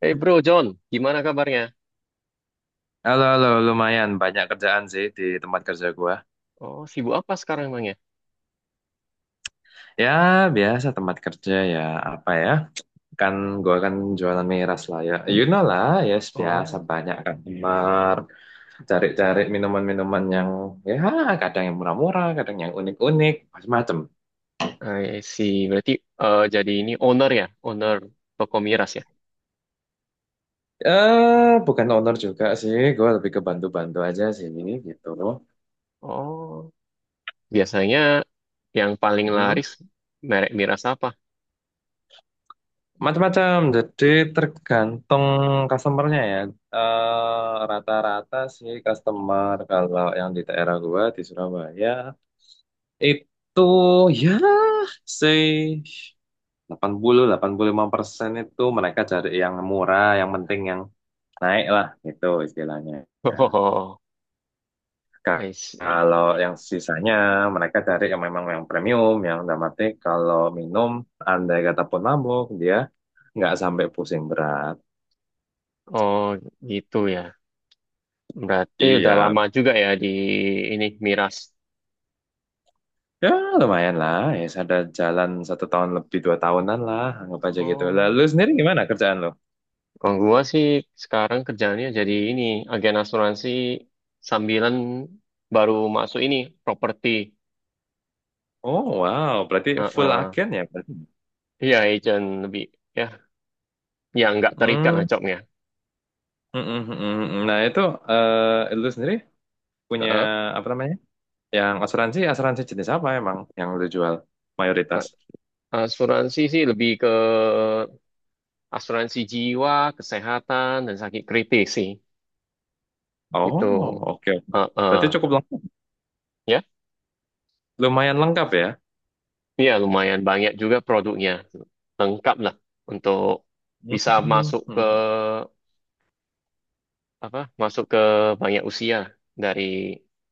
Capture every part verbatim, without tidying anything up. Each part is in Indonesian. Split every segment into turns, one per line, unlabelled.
Hey bro John, gimana kabarnya?
Halo, halo, lumayan banyak kerjaan sih di tempat kerja gua.
Oh, sibuk apa sekarang emangnya?
Ya, biasa tempat kerja ya, apa ya? Kan gua kan jualan miras lah ya. You know lah, yes, biasa
Oh,
banyak customer. Cari-cari minuman-minuman yang ya kadang yang murah-murah, kadang yang unik-unik, macam-macam.
I see. Berarti eh, jadi ini owner ya, owner toko miras ya?
Eh, bukan owner juga sih, gua lebih ke bantu-bantu aja sih gitu.
Oh, biasanya yang paling
Mhm.
laris merek miras apa?
Macam-macam, jadi tergantung customernya ya. Eh, rata-rata sih customer kalau yang di daerah gua di Surabaya itu ya say delapan puluh delapan puluh lima persen itu mereka cari yang murah, yang penting yang naik lah gitu istilahnya. Ya.
Oh,
Ka-
I
Kalau
see.
yang sisanya mereka cari yang memang yang premium, yang dalam arti kalau minum andai kata pun mabuk dia nggak sampai pusing berat.
Oh, gitu ya. Berarti udah
Iya,
lama juga ya di ini miras.
ya lumayan lah. Ya ada jalan satu tahun lebih dua tahunan lah, anggap aja gitu.
Oh,
Lalu sendiri gimana kerjaan lo?
kalau gua sih sekarang kerjaannya jadi ini agen asuransi sambilan baru masuk ini properti.
Oh wow, berarti full
Heeh.
agen ya berarti.
Iya, agent lebih ya, ya nggak terikat lah
Hmm,
jobnya.
mm, mm, mm, mm. mm. Nah itu eh lu sendiri punya
Heeh.
apa namanya? Yang asuransi, asuransi jenis apa emang yang lu jual mayoritas?
A- Asuransi sih lebih ke asuransi jiwa, kesehatan dan sakit kritis sih. Itu,
Oh oke,
heeh,
berarti cukup lengkap,
ya.
lumayan lengkap ya.
Iya, lumayan banyak juga produknya. Lengkap lah untuk
Hmm,
bisa
mm,
masuk ke
mm.
apa? Masuk ke banyak usia dari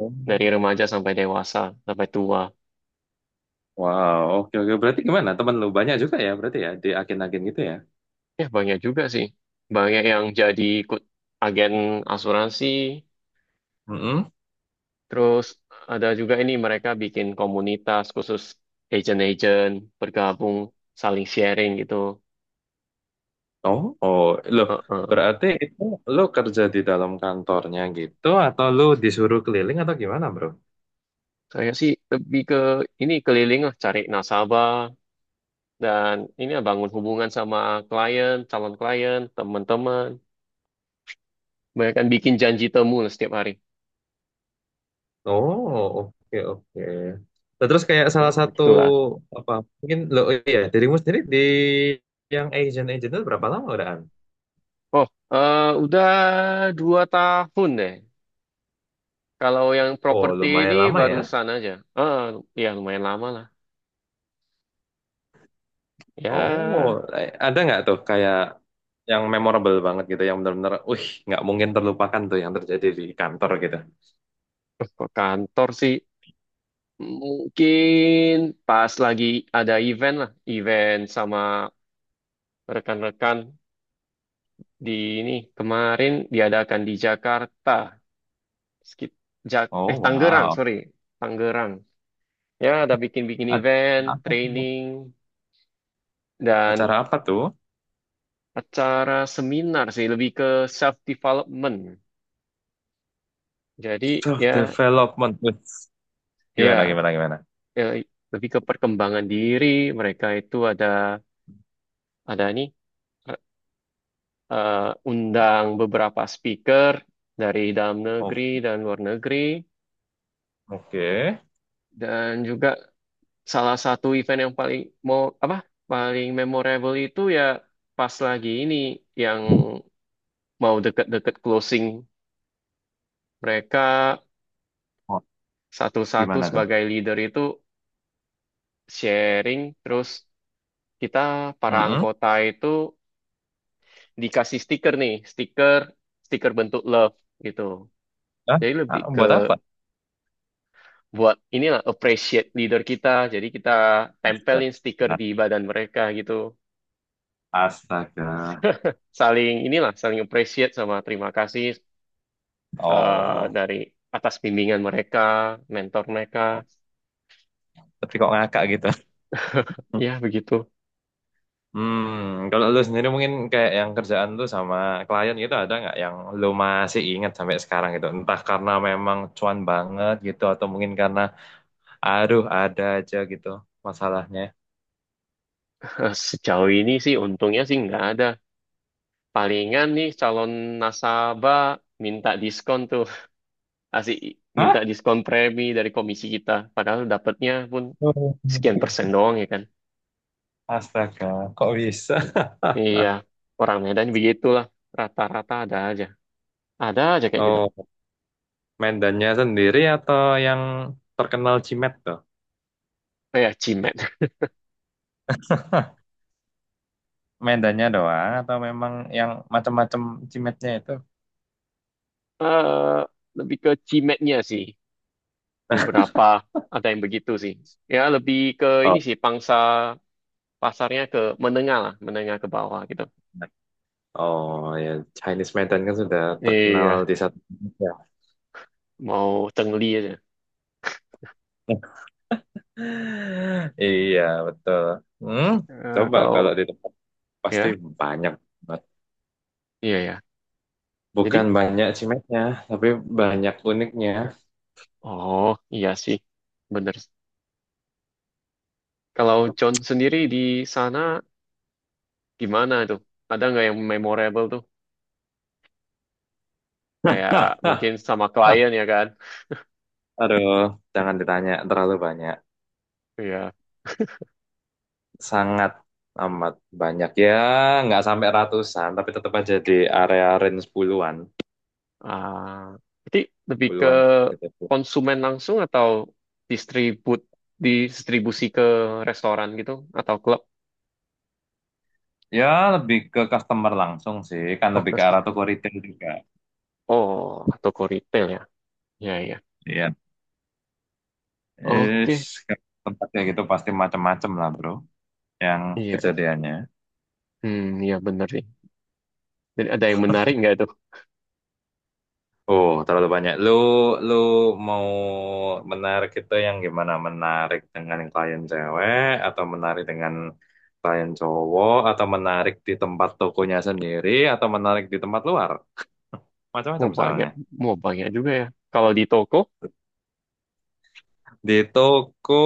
Oh,
dari remaja sampai dewasa, sampai tua.
wow, oke oke. Berarti gimana? Temen lu banyak juga ya berarti ya di agen-agen gitu ya?
Ya, banyak juga sih. Banyak yang jadi ikut agen asuransi.
Mm-mm.
Terus ada juga ini mereka bikin komunitas khusus agent-agent bergabung saling sharing gitu.
Oh, oh, loh,
Heeh.
berarti itu lo kerja di dalam kantornya gitu, atau lo disuruh keliling atau gimana, bro?
Saya sih lebih ke ini keliling lah cari nasabah dan ini lah bangun hubungan sama klien, calon klien, teman-teman. Banyak kan bikin janji temu lah setiap hari.
Oh, oke, oke. Nah, terus kayak
Ya,
salah satu
begitulah.
apa? Mungkin lo oh iya dirimu sendiri di yang agent agent itu berapa lama udahan?
Oh, eh, udah dua tahun deh. Kalau yang
Oh,
properti ini
lumayan lama ya.
barusan aja. Ah, ya lumayan lama lah.
Oh,
Ya,
eh, ada nggak tuh kayak yang memorable banget gitu, yang benar-benar, wih, nggak mungkin terlupakan tuh yang terjadi di kantor gitu.
ke kantor sih mungkin pas lagi ada event lah, event sama rekan-rekan di ini kemarin diadakan di Jakarta, sekit, Jak-
Oh,
eh Tangerang,
wow.
sorry, Tangerang. Ya, ada bikin-bikin
Ad-
event,
apa tuh?
training, dan
Acara apa tuh?
acara seminar sih, lebih ke self development. Jadi
Self
ya,
development. Wits. Gimana
ya,
gimana gimana?
eh, lebih ke perkembangan diri. Mereka itu ada ada nih. eh, Undang beberapa speaker dari dalam
Oh,
negeri dan luar negeri,
oke.
dan juga salah satu event yang paling mau apa paling memorable itu ya pas lagi ini yang mau deket-deket closing, mereka
Oh,
satu-satu
gimana tuh?
sebagai leader itu sharing. Terus kita para
Mm-mm.
anggota itu dikasih stiker, nih, stiker stiker bentuk love gitu,
Hah?
jadi lebih
Ah,
ke
buat apa?
buat inilah appreciate leader kita. Jadi kita
Astaga.
tempelin stiker
Nah,
di badan mereka gitu.
astaga.
Saling inilah saling appreciate sama terima kasih, eh,
Oh,
dari atas bimbingan mereka, mentor mereka.
oh. Tapi kok ngakak gitu.
Ya begitu.
Hmm, kalau lu sendiri mungkin kayak yang kerjaan lu sama klien gitu ada nggak yang lu masih ingat sampai sekarang gitu? Entah karena memang cuan banget gitu atau mungkin karena aduh ada aja gitu masalahnya.
Sejauh ini sih untungnya sih nggak ada. Palingan nih calon nasabah minta diskon tuh. Asik minta
Hah?
diskon premi dari komisi kita. Padahal dapatnya pun
Oh,
sekian persen doang ya kan.
astaga, kok bisa?
Iya, orang Medan begitulah. Rata-rata ada aja. Ada aja kayak gitu.
Oh, medannya sendiri atau yang terkenal Cimet tuh?
Eh, ya, cimet.
Medannya doang atau memang yang macam-macam cimetnya itu?
eh Lebih ke cimetnya sih. Beberapa ada yang begitu sih. Ya, lebih ke ini
Oh,
sih, pangsa pasarnya ke menengah lah, menengah ke bawah gitu.
oh ya Chinese Medan kan sudah terkenal
Iya,
di satu ya.
mau cengli aja.
Iya, betul. Hmm,
Eh,
coba
kalau,
kalau di tempat pasti
ya,
banyak banget.
iya ya. Jadi,
Bukan banyak Cimetnya, tapi banyak uniknya.
oh, iya sih. Bener. Kalau John sendiri di sana, gimana tuh? Ada nggak yang memorable tuh? Kayak mungkin sama klien ya kan?
Aduh, jangan ditanya terlalu banyak.
Iya.
Sangat amat banyak ya nggak sampai ratusan tapi tetap aja di area range puluhan
Ah, jadi lebih ke
puluhan gitu,
konsumen langsung atau distribut distribusi ke restoran gitu atau klub?
ya lebih ke customer langsung sih, kan
Oh,
lebih ke
customer.
arah toko retail juga.
Oh, atau ke retail ya? Ya, ya.
Iya. is
Oke.
tempat kayak gitu pasti macam-macam lah bro yang
Iya.
kejadiannya.
Hmm, ya bener sih. Jadi ada yang menarik nggak tuh?
Oh, terlalu banyak. Lu, lu mau menarik itu yang gimana? Menarik dengan klien cewek, atau menarik dengan klien cowok, atau menarik di tempat tokonya sendiri, atau menarik di tempat luar? Macam-macam
Mau banyak,
misalnya.
mau banyak juga ya. Kalau di toko,
Di toko,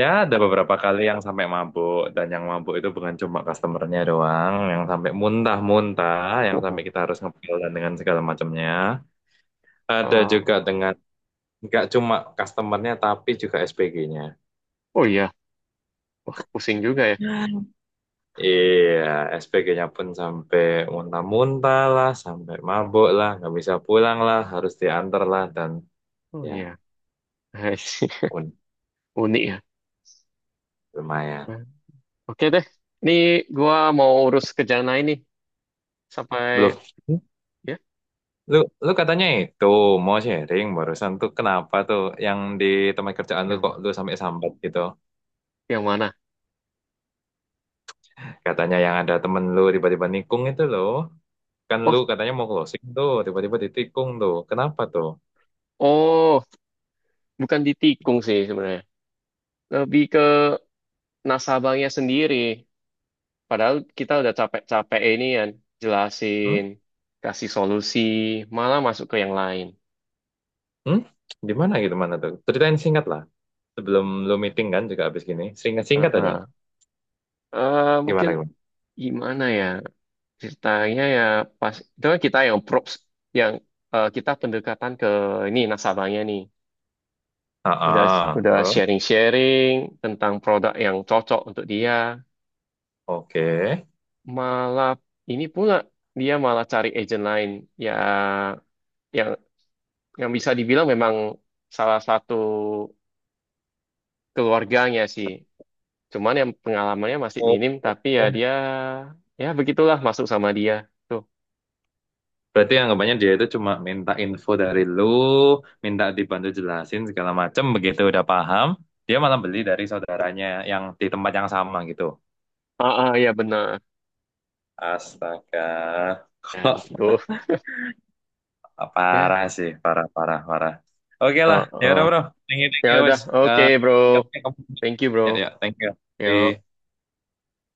ya ada beberapa kali yang sampai mabuk, dan yang mabuk itu bukan cuma customernya doang, yang sampai muntah-muntah, yang
oh,
sampai kita harus ngepel dan dengan segala macamnya. Ada juga
ah,
dengan, nggak cuma customernya, tapi juga S P G-nya.
oh iya, wah, pusing juga ya.
Wah, iya, S P G-nya pun sampai muntah-muntah lah, sampai mabuk lah, nggak bisa pulang lah, harus diantar lah, dan
Oh
ya
iya. I see.
pun
Unik ya.
lumayan.
Nah, oke deh, ini gua mau urus kerjaan lain nih. Sampai
Belum. Hmm?
ya,
lu, lu katanya itu mau sharing barusan tuh kenapa tuh yang di tempat kerjaan lu kok
ya.
lu sampai sambat gitu?
Yang mana?
Katanya yang ada temen lu tiba-tiba nikung itu loh, kan
Oh,
lu katanya mau closing tuh, tiba-tiba ditikung tuh, kenapa tuh?
oh, bukan ditikung sih sebenarnya. Lebih ke nasabahnya sendiri. Padahal kita udah capek-capek ini kan, jelasin,
Hmm?
kasih solusi, malah masuk ke yang lain.
Hmm? Di mana gitu mana tuh? Ceritain singkat lah. Sebelum lu meeting kan juga habis gini. Singkat-singkat aja.
Heeh. Eh, mungkin
Gimana gimana?
gimana ya ceritanya ya pas itu kan kita yang props yang eh, kita pendekatan ke ini nasabahnya nih,
Ah,
udah
ah.
udah
Terus
sharing-sharing tentang produk yang cocok untuk dia,
oke.
malah ini pula dia malah cari agent lain ya, yang yang bisa dibilang memang salah satu keluarganya sih, cuman yang pengalamannya masih
Oh,
minim
oh,
tapi ya
oh.
dia ya begitulah masuk sama dia tuh.
Berarti anggapannya dia itu cuma minta info dari lu, minta dibantu jelasin segala macam begitu udah paham, dia malah beli dari saudaranya yang di tempat yang sama gitu.
Ah ah, ya benar.
Astaga.
Ya
Kalau
begitu ya.
Parah sih, parah, parah, parah. Oke lah,
Ah
ya
ah.
udah bro. Thank you, thank
Ya
you,
udah,
wes.
oke
Eh,
bro.
katanya kamu,
Thank you bro.
ya, ya, thank you. Di
Yo.